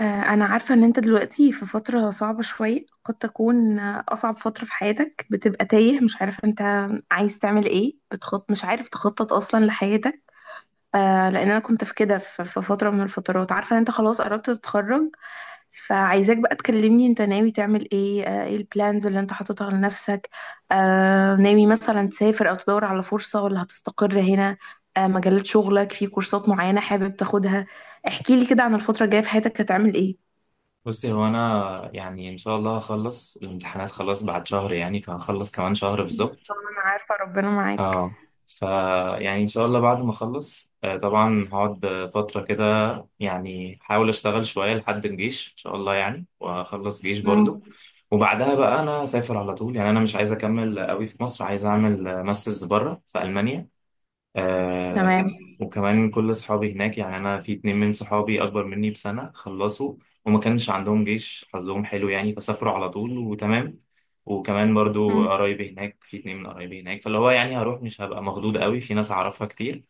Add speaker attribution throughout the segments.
Speaker 1: أنا عارفة إن أنت دلوقتي في فترة صعبة شوية، قد تكون أصعب فترة في حياتك. بتبقى تايه، مش عارف أنت عايز تعمل إيه، مش عارف تخطط أصلا لحياتك. لأن أنا كنت في كده، في فترة من الفترات. عارفة إن أنت خلاص قربت تتخرج، فعايزاك بقى تكلمني أنت ناوي تعمل إيه. إيه البلانز اللي أنت حاططها لنفسك؟ ناوي مثلا تسافر أو تدور على فرصة، ولا هتستقر هنا؟ مجالات شغلك، في كورسات معينة حابب تاخدها؟ احكيلي كده عن الفترة الجاية في حياتك هتعمل إيه.
Speaker 2: بصي، هو انا يعني ان شاء الله هخلص الامتحانات خلاص بعد شهر، يعني فهخلص كمان شهر بالظبط.
Speaker 1: طبعا انا عارفة ربنا معاك.
Speaker 2: اه. ف يعني ان شاء الله بعد ما اخلص طبعا هقعد فتره كده. يعني احاول اشتغل شويه لحد الجيش ان شاء الله، يعني واخلص جيش برضو.
Speaker 1: مم.
Speaker 2: وبعدها بقى انا اسافر على طول، يعني انا مش عايز اكمل قوي في مصر، عايز اعمل ماسترز بره في المانيا. آه.
Speaker 1: تمام.
Speaker 2: وكمان كل اصحابي هناك، يعني انا في اتنين من صحابي اكبر مني بسنة خلصوا، وما كانش عندهم جيش، حظهم حلو يعني، فسافروا على طول وتمام. وكمان برضو
Speaker 1: مم.
Speaker 2: قرايبي هناك، في اتنين من قرايبي هناك، فاللي هو يعني هروح مش هبقى مخضوض قوي، في ناس اعرفها كتير.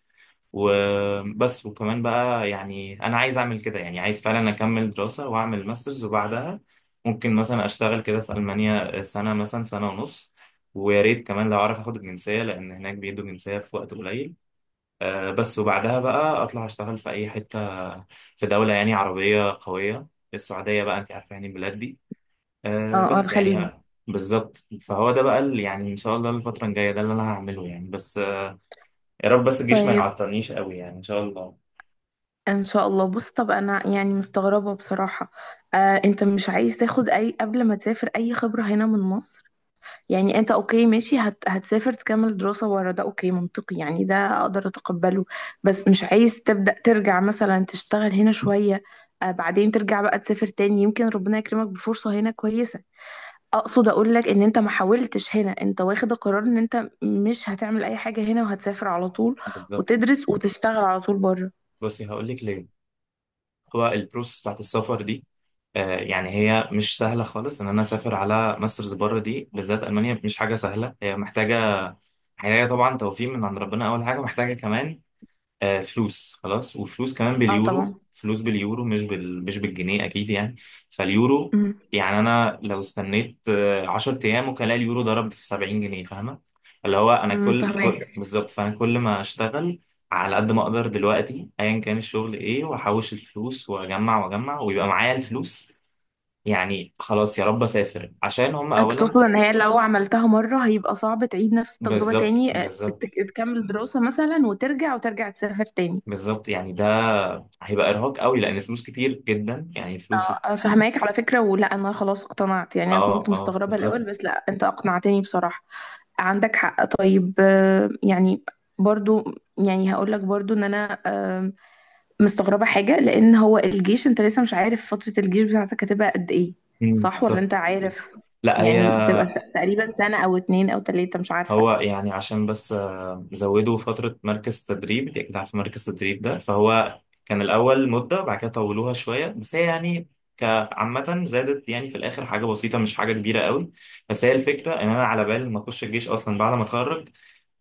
Speaker 2: وبس. وكمان بقى يعني انا عايز اعمل كده، يعني عايز فعلا اكمل دراسة واعمل ماسترز، وبعدها ممكن مثلا اشتغل كده في المانيا سنة، مثلا سنة ونص. ويا ريت كمان لو اعرف اخد الجنسية، لان هناك بيدوا جنسية في وقت قليل. بس. وبعدها بقى اطلع اشتغل في اي حته، في دوله يعني عربيه قويه، السعوديه بقى، انت عارفه يعني البلاد دي.
Speaker 1: اه، اه،
Speaker 2: بس يعني
Speaker 1: الخليج.
Speaker 2: بالظبط. فهو ده بقى اللي يعني ان شاء الله الفتره الجايه ده اللي انا هعمله يعني. بس يا رب بس الجيش ما
Speaker 1: طيب.
Speaker 2: يعطلنيش قوي يعني ان شاء الله.
Speaker 1: ان شاء الله. بص، طب انا يعني مستغربة بصراحة. انت مش عايز تاخد اي، قبل ما تسافر، اي خبرة هنا من مصر؟ يعني انت اوكي، ماشي، هتسافر تكمل دراسة ورا، ده اوكي منطقي، يعني ده اقدر اتقبله. بس مش عايز تبدأ ترجع مثلا تشتغل هنا شوية، بعدين ترجع بقى تسافر تاني، يمكن ربنا يكرمك بفرصة هنا كويسة؟ اقصد اقول لك ان انت ما حاولتش هنا، انت واخد القرار ان انت مش هتعمل اي حاجة هنا، وهتسافر على طول،
Speaker 2: بالظبط.
Speaker 1: وتدرس وتشتغل على طول بره.
Speaker 2: بصي هقول لك ليه. هو البروسس بتاعت السفر دي، يعني هي مش سهله خالص، ان انا اسافر على ماسترز بره دي بالذات المانيا مش حاجه سهله، هي محتاجه، طبعا توفيق من عند ربنا اول حاجه، محتاجه كمان آه، فلوس خلاص، وفلوس كمان
Speaker 1: اه،
Speaker 2: باليورو،
Speaker 1: طبعا.
Speaker 2: فلوس باليورو مش مش بالجنيه اكيد يعني، فاليورو.
Speaker 1: امم
Speaker 2: يعني انا لو استنيت آه، 10 ايام ممكن الاقي اليورو ضرب في 70 جنيه، فاهمه؟ اللي هو انا كل كل
Speaker 1: فهمك.
Speaker 2: بالظبط. فانا كل ما اشتغل على قد ما اقدر دلوقتي ايا كان الشغل ايه، واحوش الفلوس واجمع واجمع ويبقى معايا الفلوس، يعني خلاص يا رب اسافر، عشان هم
Speaker 1: انت تقصد
Speaker 2: اولا.
Speaker 1: ان هي لو عملتها مرة هيبقى صعب تعيد نفس التجربة
Speaker 2: بالظبط
Speaker 1: تاني،
Speaker 2: بالظبط.
Speaker 1: تكمل دراسة مثلا وترجع، وترجع تسافر تاني.
Speaker 2: بالظبط، يعني ده هيبقى ارهاق قوي، لان فلوس كتير جدا يعني، فلوس.
Speaker 1: اه، فهماك على فكرة. ولا انا خلاص اقتنعت، يعني انا
Speaker 2: اه
Speaker 1: كنت
Speaker 2: اه،
Speaker 1: مستغربة
Speaker 2: بالظبط.
Speaker 1: الاول، بس لا، انت اقنعتني بصراحة. عندك حق. طيب، يعني برضو، يعني هقول لك برضو ان انا مستغربة حاجة، لأن هو الجيش أنت لسه مش عارف فترة الجيش بتاعتك هتبقى قد إيه،
Speaker 2: مم،
Speaker 1: صح؟ ولا أنت
Speaker 2: بالظبط بالظبط.
Speaker 1: عارف؟
Speaker 2: لا. هي
Speaker 1: يعني بتبقى تقريبا سنة أو اتنين أو تلاتة، مش عارفة.
Speaker 2: هو يعني عشان بس زودوا فترة مركز تدريب، يعني انت اكيد عارف مركز تدريب ده، فهو كان الأول مدة بعد كده طولوها شوية، بس هي يعني كعامة زادت يعني، في الآخر حاجة بسيطة مش حاجة كبيرة قوي. بس هي الفكرة إن أنا على بالي ما أخش الجيش أصلا بعد ما أتخرج،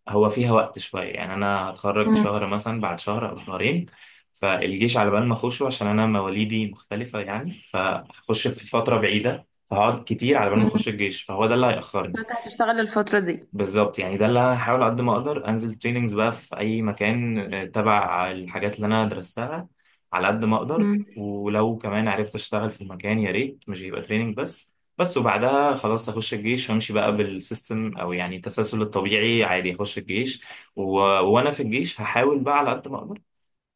Speaker 2: هو فيها وقت شوية، يعني أنا هتخرج
Speaker 1: مم.
Speaker 2: شهر مثلا، بعد شهر أو شهرين، فالجيش على بال ما أخشه عشان أنا مواليدي مختلفة يعني، فهخش في فترة بعيدة، فهقعد كتير على بال ما
Speaker 1: مم.
Speaker 2: أخش الجيش، فهو ده اللي هيأخرني.
Speaker 1: فأنت هتشتغل الفترة دي.
Speaker 2: بالظبط، يعني ده اللي هحاول قد ما اقدر انزل تريننجز بقى في اي مكان، تبع الحاجات اللي انا درستها، على قد ما اقدر،
Speaker 1: مم.
Speaker 2: ولو كمان عرفت اشتغل في المكان يا ريت مش هيبقى تريننج بس. بس وبعدها خلاص اخش الجيش وامشي بقى بالسيستم، او يعني التسلسل الطبيعي عادي، اخش الجيش، و... وانا في الجيش هحاول بقى على قد ما اقدر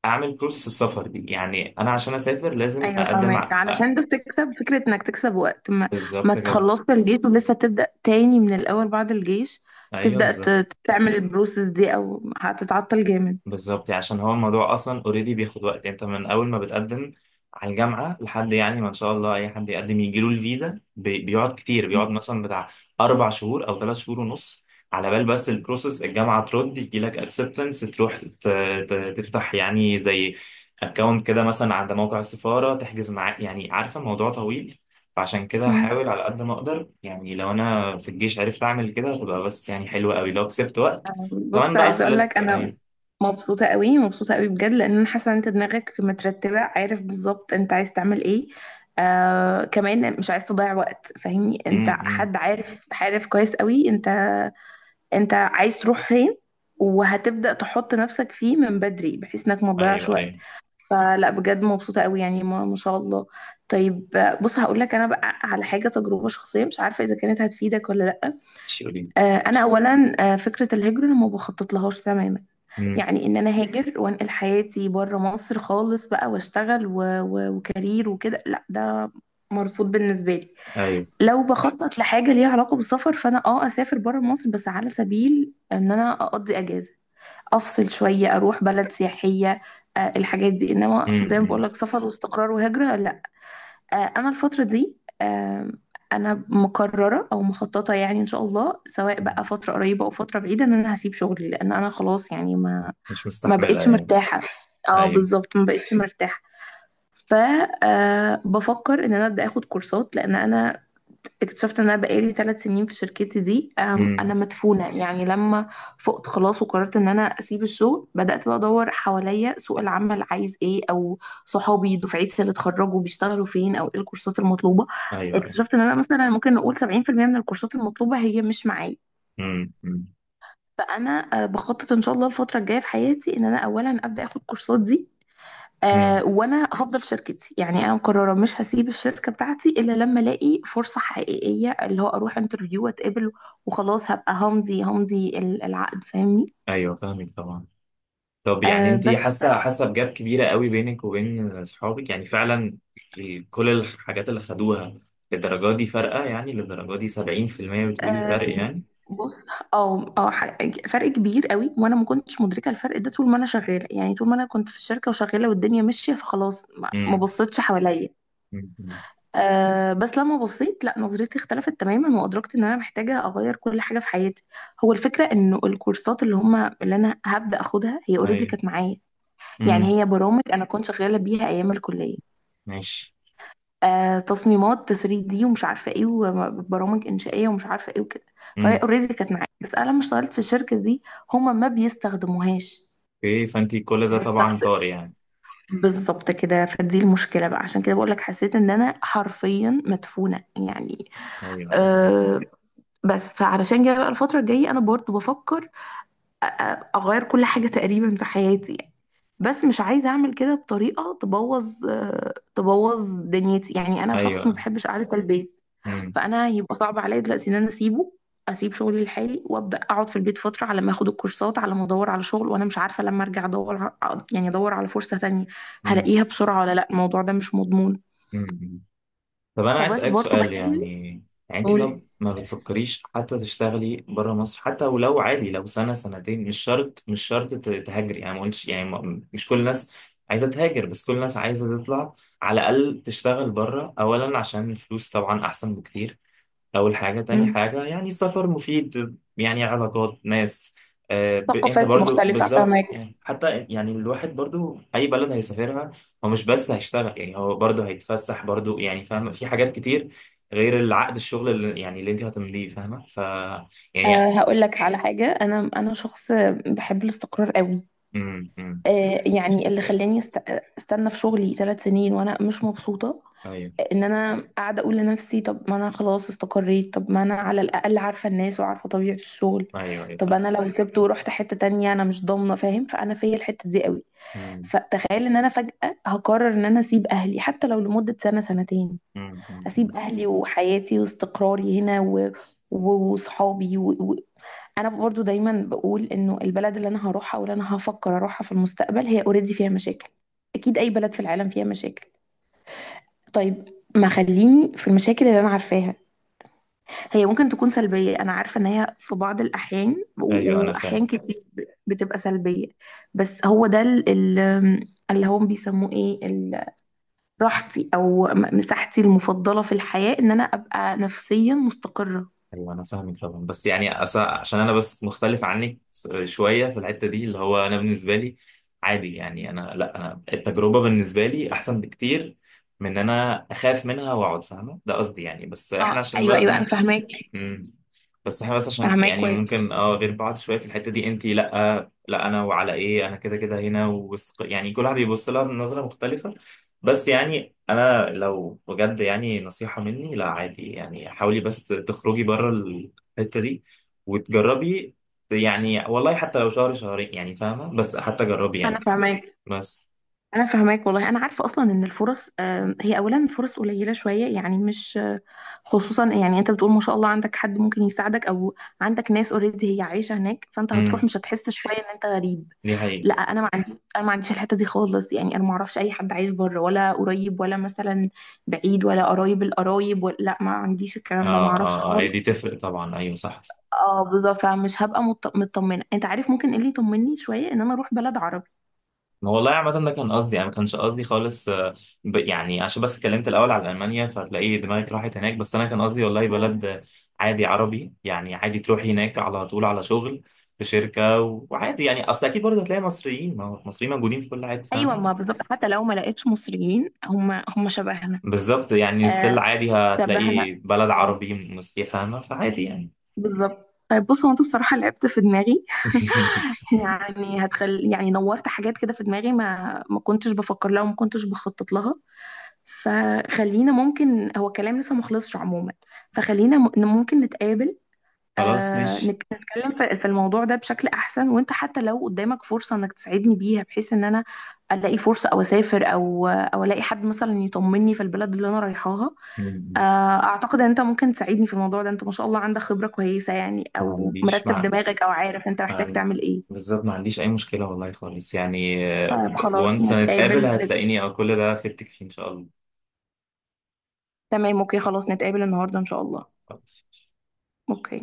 Speaker 2: اعمل بروسس السفر دي، يعني انا عشان اسافر لازم
Speaker 1: أيوة
Speaker 2: اقدم
Speaker 1: فاهمك. علشان ده بتكسب فكرة إنك تكسب وقت، ما
Speaker 2: بالظبط كده.
Speaker 1: تخلصش الجيش ولسه بتبدأ تاني من الأول بعد الجيش،
Speaker 2: ايوه
Speaker 1: تبدأ
Speaker 2: بالظبط.
Speaker 1: تعمل البروسيس دي، أو هتتعطل جامد.
Speaker 2: بالظبط يعني عشان هو الموضوع اصلا اوريدي بياخد وقت، انت من اول ما بتقدم على الجامعه لحد يعني ما ان شاء الله اي حد يقدم يجيله الفيزا بيقعد كتير، بيقعد مثلا بتاع اربع شهور او ثلاث شهور ونص، على بال بس البروسيس الجامعه ترد يجي لك اكسبتنس، تروح تفتح يعني زي اكونت كده، مثلا عند موقع السفاره، تحجز معاه، يعني عارفه الموضوع طويل. فعشان كده
Speaker 1: مم.
Speaker 2: هحاول على قد ما اقدر، يعني لو انا في الجيش عرفت اعمل كده هتبقى بس يعني حلوه قوي لو كسبت وقت.
Speaker 1: بص،
Speaker 2: كمان بقى
Speaker 1: عايزه اقول لك
Speaker 2: خلصت.
Speaker 1: انا
Speaker 2: أيوه.
Speaker 1: مبسوطه قوي، مبسوطه قوي بجد. لان انا حاسه ان انت دماغك مترتبه، عارف بالظبط انت عايز تعمل ايه. كمان مش عايز تضيع وقت، فاهمني، انت
Speaker 2: امم.
Speaker 1: حد عارف، عارف كويس قوي، انت عايز تروح فين، وهتبدا تحط نفسك فيه من بدري، بحيث انك ما تضيعش
Speaker 2: ايوه
Speaker 1: وقت.
Speaker 2: ايوه.
Speaker 1: فلا، بجد مبسوطه قوي. يعني ما شاء الله. طيب، بص هقول لك انا بقى على حاجه، تجربه شخصيه مش عارفه اذا كانت هتفيدك ولا لا.
Speaker 2: شيولين.
Speaker 1: انا اولا، فكره الهجره انا ما بخطط لهاش تماما.
Speaker 2: امم.
Speaker 1: يعني ان انا هاجر وانقل حياتي بره مصر خالص بقى واشتغل وكارير وكده، لا ده مرفوض بالنسبه لي.
Speaker 2: ايوه.
Speaker 1: لو بخطط لحاجه ليها علاقه بالسفر، فانا اه اسافر بره مصر بس على سبيل ان انا اقضي اجازه، افصل شويه، اروح بلد سياحيه. الحاجات دي، انما زي ما بقول
Speaker 2: امم.
Speaker 1: لك سفر واستقرار وهجره، لا. انا الفتره دي، انا مقرره او مخططه، يعني ان شاء الله سواء بقى فتره قريبه او فتره بعيده، ان انا هسيب شغلي. لان انا خلاص، يعني ما
Speaker 2: مش
Speaker 1: ما
Speaker 2: مستحملها
Speaker 1: بقتش
Speaker 2: يعني.
Speaker 1: مرتاحة. اه
Speaker 2: ايوه.
Speaker 1: بالظبط، ما بقتش مرتاحة. ف بفكر ان انا ابدا اخد كورسات. لان انا اكتشفت ان انا بقالي ثلاث سنين في شركتي دي،
Speaker 2: امم.
Speaker 1: انا مدفونة. يعني لما فقت، خلاص وقررت ان انا اسيب الشغل، بدات بقى ادور حواليا، سوق العمل عايز ايه، او صحابي دفعتي اللي اتخرجوا بيشتغلوا فين، او ايه الكورسات المطلوبة.
Speaker 2: ايوه ايوه.
Speaker 1: اكتشفت ان انا مثلا ممكن نقول 70% من الكورسات المطلوبة هي مش معايا.
Speaker 2: امم.
Speaker 1: فانا بخطط ان شاء الله الفتره الجايه في حياتي ان انا اولا ابدا اخد كورسات دي.
Speaker 2: امم.
Speaker 1: وانا هفضل في شركتي، يعني انا مقرره مش هسيب الشركه بتاعتي الا لما الاقي فرصه حقيقيه، اللي هو اروح انترفيو واتقبل، وخلاص هبقى همضي، العقد، فاهمني.
Speaker 2: ايوه فاهمك طبعا. طب يعني انت
Speaker 1: بس
Speaker 2: حاسه حاسه بجاب كبيره قوي بينك وبين اصحابك يعني فعلا؟ كل الحاجات اللي خدوها للدرجه دي فارقه، يعني للدرجه دي 70% بتقولي
Speaker 1: آه
Speaker 2: فرق يعني؟
Speaker 1: بص، اه اه ح- فرق كبير قوي. وانا ما كنتش مدركه الفرق ده طول ما انا شغاله، يعني طول ما انا كنت في الشركه وشغاله والدنيا ماشيه، فخلاص ما
Speaker 2: امم
Speaker 1: بصيتش حواليا.
Speaker 2: امم.
Speaker 1: بس لما بصيت، لا، نظرتي اختلفت تماما وأدركت إن أنا محتاجة أغير كل حاجة في حياتي. هو الفكرة إنه الكورسات اللي هما اللي أنا هبدأ أخدها هي أوريدي
Speaker 2: ايوه.
Speaker 1: كانت معايا. يعني
Speaker 2: امم.
Speaker 1: هي برامج أنا كنت شغالة بيها أيام الكلية.
Speaker 2: ماشي.
Speaker 1: تصميمات 3D ومش عارفة إيه، وبرامج إنشائية ومش عارفة إيه، وكده. فهي
Speaker 2: امم.
Speaker 1: أوريدي كانت معايا، بس أنا لما اشتغلت في الشركة دي هما ما بيستخدموهاش.
Speaker 2: اوكي. فانت كل ده طبعا
Speaker 1: بستخدم
Speaker 2: طار يعني.
Speaker 1: بالظبط كده. فدي المشكلة بقى، عشان كده بقولك حسيت إن أنا حرفيا مدفونة يعني.
Speaker 2: ايوه ايوه
Speaker 1: آه، بس، فعلشان كده بقى الفترة الجاية أنا برضو بفكر أغير كل حاجة تقريبا في حياتي يعني. بس مش عايزة أعمل كده بطريقة تبوظ، تبوظ دنيتي. يعني أنا شخص ما
Speaker 2: ايوه.
Speaker 1: بحبش قعدة البيت،
Speaker 2: امم.
Speaker 1: فأنا هيبقى صعب عليا دلوقتي إن أنا أسيبه، أسيب شغلي لحالي وأبدأ أقعد في البيت فترة على ما أخد الكورسات، على ما أدور على شغل، وأنا مش عارفة لما أرجع أدور يعني أدور على فرصة تانية هلاقيها بسرعة ولا لأ، الموضوع ده مش مضمون.
Speaker 2: مم. طب انا عايز
Speaker 1: فبس
Speaker 2: اسالك
Speaker 1: برضو
Speaker 2: سؤال
Speaker 1: بحاول
Speaker 2: يعني. يعني انت
Speaker 1: أقول.
Speaker 2: طب ما بتفكريش حتى تشتغلي بره مصر؟ حتى ولو عادي، لو سنه سنتين، مش شرط، مش شرط تهاجري، يعني ما قلتش يعني مش كل الناس عايزه تهاجر، بس كل الناس عايزه تطلع على الاقل تشتغل بره اولا، عشان الفلوس طبعا احسن بكتير، أول حاجة. تاني
Speaker 1: مم.
Speaker 2: حاجة يعني سفر مفيد، يعني علاقات، ناس، آه أنت
Speaker 1: ثقافات
Speaker 2: برضو
Speaker 1: مختلفة،
Speaker 2: بالظبط
Speaker 1: فاهمة.
Speaker 2: يعني. حتى يعني الواحد برضو أي بلد هيسافرها هو مش بس هيشتغل يعني، هو برضو هيتفسح برضو، يعني فاهمة، في حاجات كتير غير العقد الشغل اللي يعني اللي أنت هتمليه فاهمة. يعني.
Speaker 1: هقول لك على حاجة، أنا شخص بحب الاستقرار قوي.
Speaker 2: امم.
Speaker 1: يعني اللي خلاني استنى في شغلي ثلاث سنين وأنا مش مبسوطة،
Speaker 2: أيوه
Speaker 1: إن أنا قاعدة أقول لنفسي طب ما أنا خلاص استقريت، طب ما أنا على الأقل عارفة الناس وعارفة طبيعة الشغل.
Speaker 2: أيوه أيوه
Speaker 1: طب
Speaker 2: فاهم.
Speaker 1: أنا لو سبت ورحت حتة تانية أنا مش ضامنة، فاهم؟ فأنا فيا الحتة دي قوي.
Speaker 2: امم
Speaker 1: فتخيل إن أنا فجأة هقرر إن أنا أسيب أهلي حتى لو لمدة سنة سنتين،
Speaker 2: امم. أمم.
Speaker 1: هسيب اهلي وحياتي واستقراري هنا وصحابي انا برضو دايما بقول انه البلد اللي انا هروحها، واللي انا هفكر اروحها في المستقبل، هي اوريدي فيها مشاكل. اكيد اي بلد في العالم فيها مشاكل. طيب، ما خليني في المشاكل اللي انا عارفاها. هي ممكن تكون سلبية، انا عارفة ان هي في بعض الاحيان
Speaker 2: أيوه أنا
Speaker 1: واحيان
Speaker 2: فاهم.
Speaker 1: كتير بتبقى سلبية. بس هو ده اللي هم بيسموه ايه، راحتي او مساحتي المفضله في الحياه، ان انا ابقى نفسيا مستقره.
Speaker 2: ايوه انا فاهمك طبعا، بس يعني عشان انا بس مختلف عنك شويه في الحته دي، اللي هو انا بالنسبه لي عادي يعني، انا لا، انا التجربه بالنسبه لي احسن بكتير من ان انا اخاف منها واقعد، فاهمه ده قصدي يعني، بس احنا
Speaker 1: اه،
Speaker 2: عشان
Speaker 1: ايوه، ايوه، انا
Speaker 2: بقى.
Speaker 1: فاهماك.
Speaker 2: مم. بس احنا بس عشان
Speaker 1: فاهماك
Speaker 2: يعني
Speaker 1: كويس.
Speaker 2: ممكن اه غير بعض شويه في الحته دي، انت لا، لا انا وعلى ايه، انا كده كده هنا ووسق، يعني كل واحد بيبص لها بنظره مختلفه. بس يعني انا لو بجد يعني نصيحه مني، لا عادي يعني حاولي بس تخرجي بره الحته دي وتجربي يعني، والله حتى لو شهر شهرين يعني فاهمه، بس حتى جربي
Speaker 1: انا
Speaker 2: يعني.
Speaker 1: فاهماك.
Speaker 2: بس.
Speaker 1: انا فاهماك والله. انا عارفه اصلا ان الفرص، هي اولا فرص قليله شويه، يعني مش، خصوصا يعني انت بتقول ما شاء الله عندك حد ممكن يساعدك، او عندك ناس اوريدي هي عايشه هناك، فانت هتروح
Speaker 2: امم.
Speaker 1: مش هتحس شويه ان انت غريب.
Speaker 2: دي حقيقه.
Speaker 1: لا، انا ما عنديش الحته دي خالص، يعني انا ما اعرفش اي حد عايش بره ولا قريب، ولا مثلا بعيد، ولا قرايب القرايب، ولا لا، ما عنديش الكلام ده، ما
Speaker 2: اه
Speaker 1: اعرفش
Speaker 2: اه اه، هي
Speaker 1: خالص.
Speaker 2: دي تفرق طبعا، ايوه صح.
Speaker 1: اه بالظبط. فمش هبقى مطمنه، انت عارف ممكن ايه اللي يطمني شويه ان انا اروح بلد
Speaker 2: والله عامة ده كان قصدي، أنا ما كانش قصدي خالص يعني عشان بس اتكلمت الأول على ألمانيا فهتلاقي دماغك راحت هناك، بس أنا كان قصدي والله بلد
Speaker 1: عربي.
Speaker 2: عادي عربي يعني، عادي تروحي هناك على طول على شغل في شركة وعادي يعني، أصل أكيد برضه هتلاقي مصريين، ما هو مصريين موجودين في كل حتة
Speaker 1: ايوه،
Speaker 2: فاهمة.
Speaker 1: ما بالظبط حتى لو ما لقيتش مصريين هم شبهنا.
Speaker 2: بالظبط يعني، ستيل
Speaker 1: آه،
Speaker 2: عادي هتلاقي
Speaker 1: شبهنا.
Speaker 2: بلد
Speaker 1: اه
Speaker 2: عربي مسيحي فاهمة، فعادي يعني.
Speaker 1: بالظبط. طيب بص، هو انت بصراحه لعبت في دماغي. يعني هتخل، يعني نورت حاجات كده في دماغي ما كنتش بفكر لها، وما كنتش بخطط لها. فخلينا ممكن، هو كلام لسه مخلصش عموما. فخلينا ممكن نتقابل،
Speaker 2: خلاص ماشي.
Speaker 1: نتكلم في الموضوع ده بشكل احسن. وانت حتى لو قدامك فرصة انك تساعدني بيها، بحيث ان انا الاقي فرصة او اسافر، او الاقي حد مثلا يطمني في البلد اللي انا رايحاها.
Speaker 2: ما
Speaker 1: آه اعتقد ان انت ممكن تساعدني في الموضوع ده، انت ما شاء الله عندك خبرة كويسة، يعني او
Speaker 2: عنديش
Speaker 1: مرتب
Speaker 2: مع
Speaker 1: دماغك، او عارف انت
Speaker 2: ما
Speaker 1: محتاج
Speaker 2: عن-
Speaker 1: تعمل ايه.
Speaker 2: بالظبط، ما عنديش أي مشكلة والله خالص يعني.
Speaker 1: طيب خلاص
Speaker 2: وانس هنتقابل،
Speaker 1: نتقابل،
Speaker 2: هتلاقيني، أو كل ده فدتك فيه إن شاء الله.
Speaker 1: تمام. اوكي. خلاص نتقابل النهاردة ان شاء الله.
Speaker 2: خلاص.
Speaker 1: اوكي.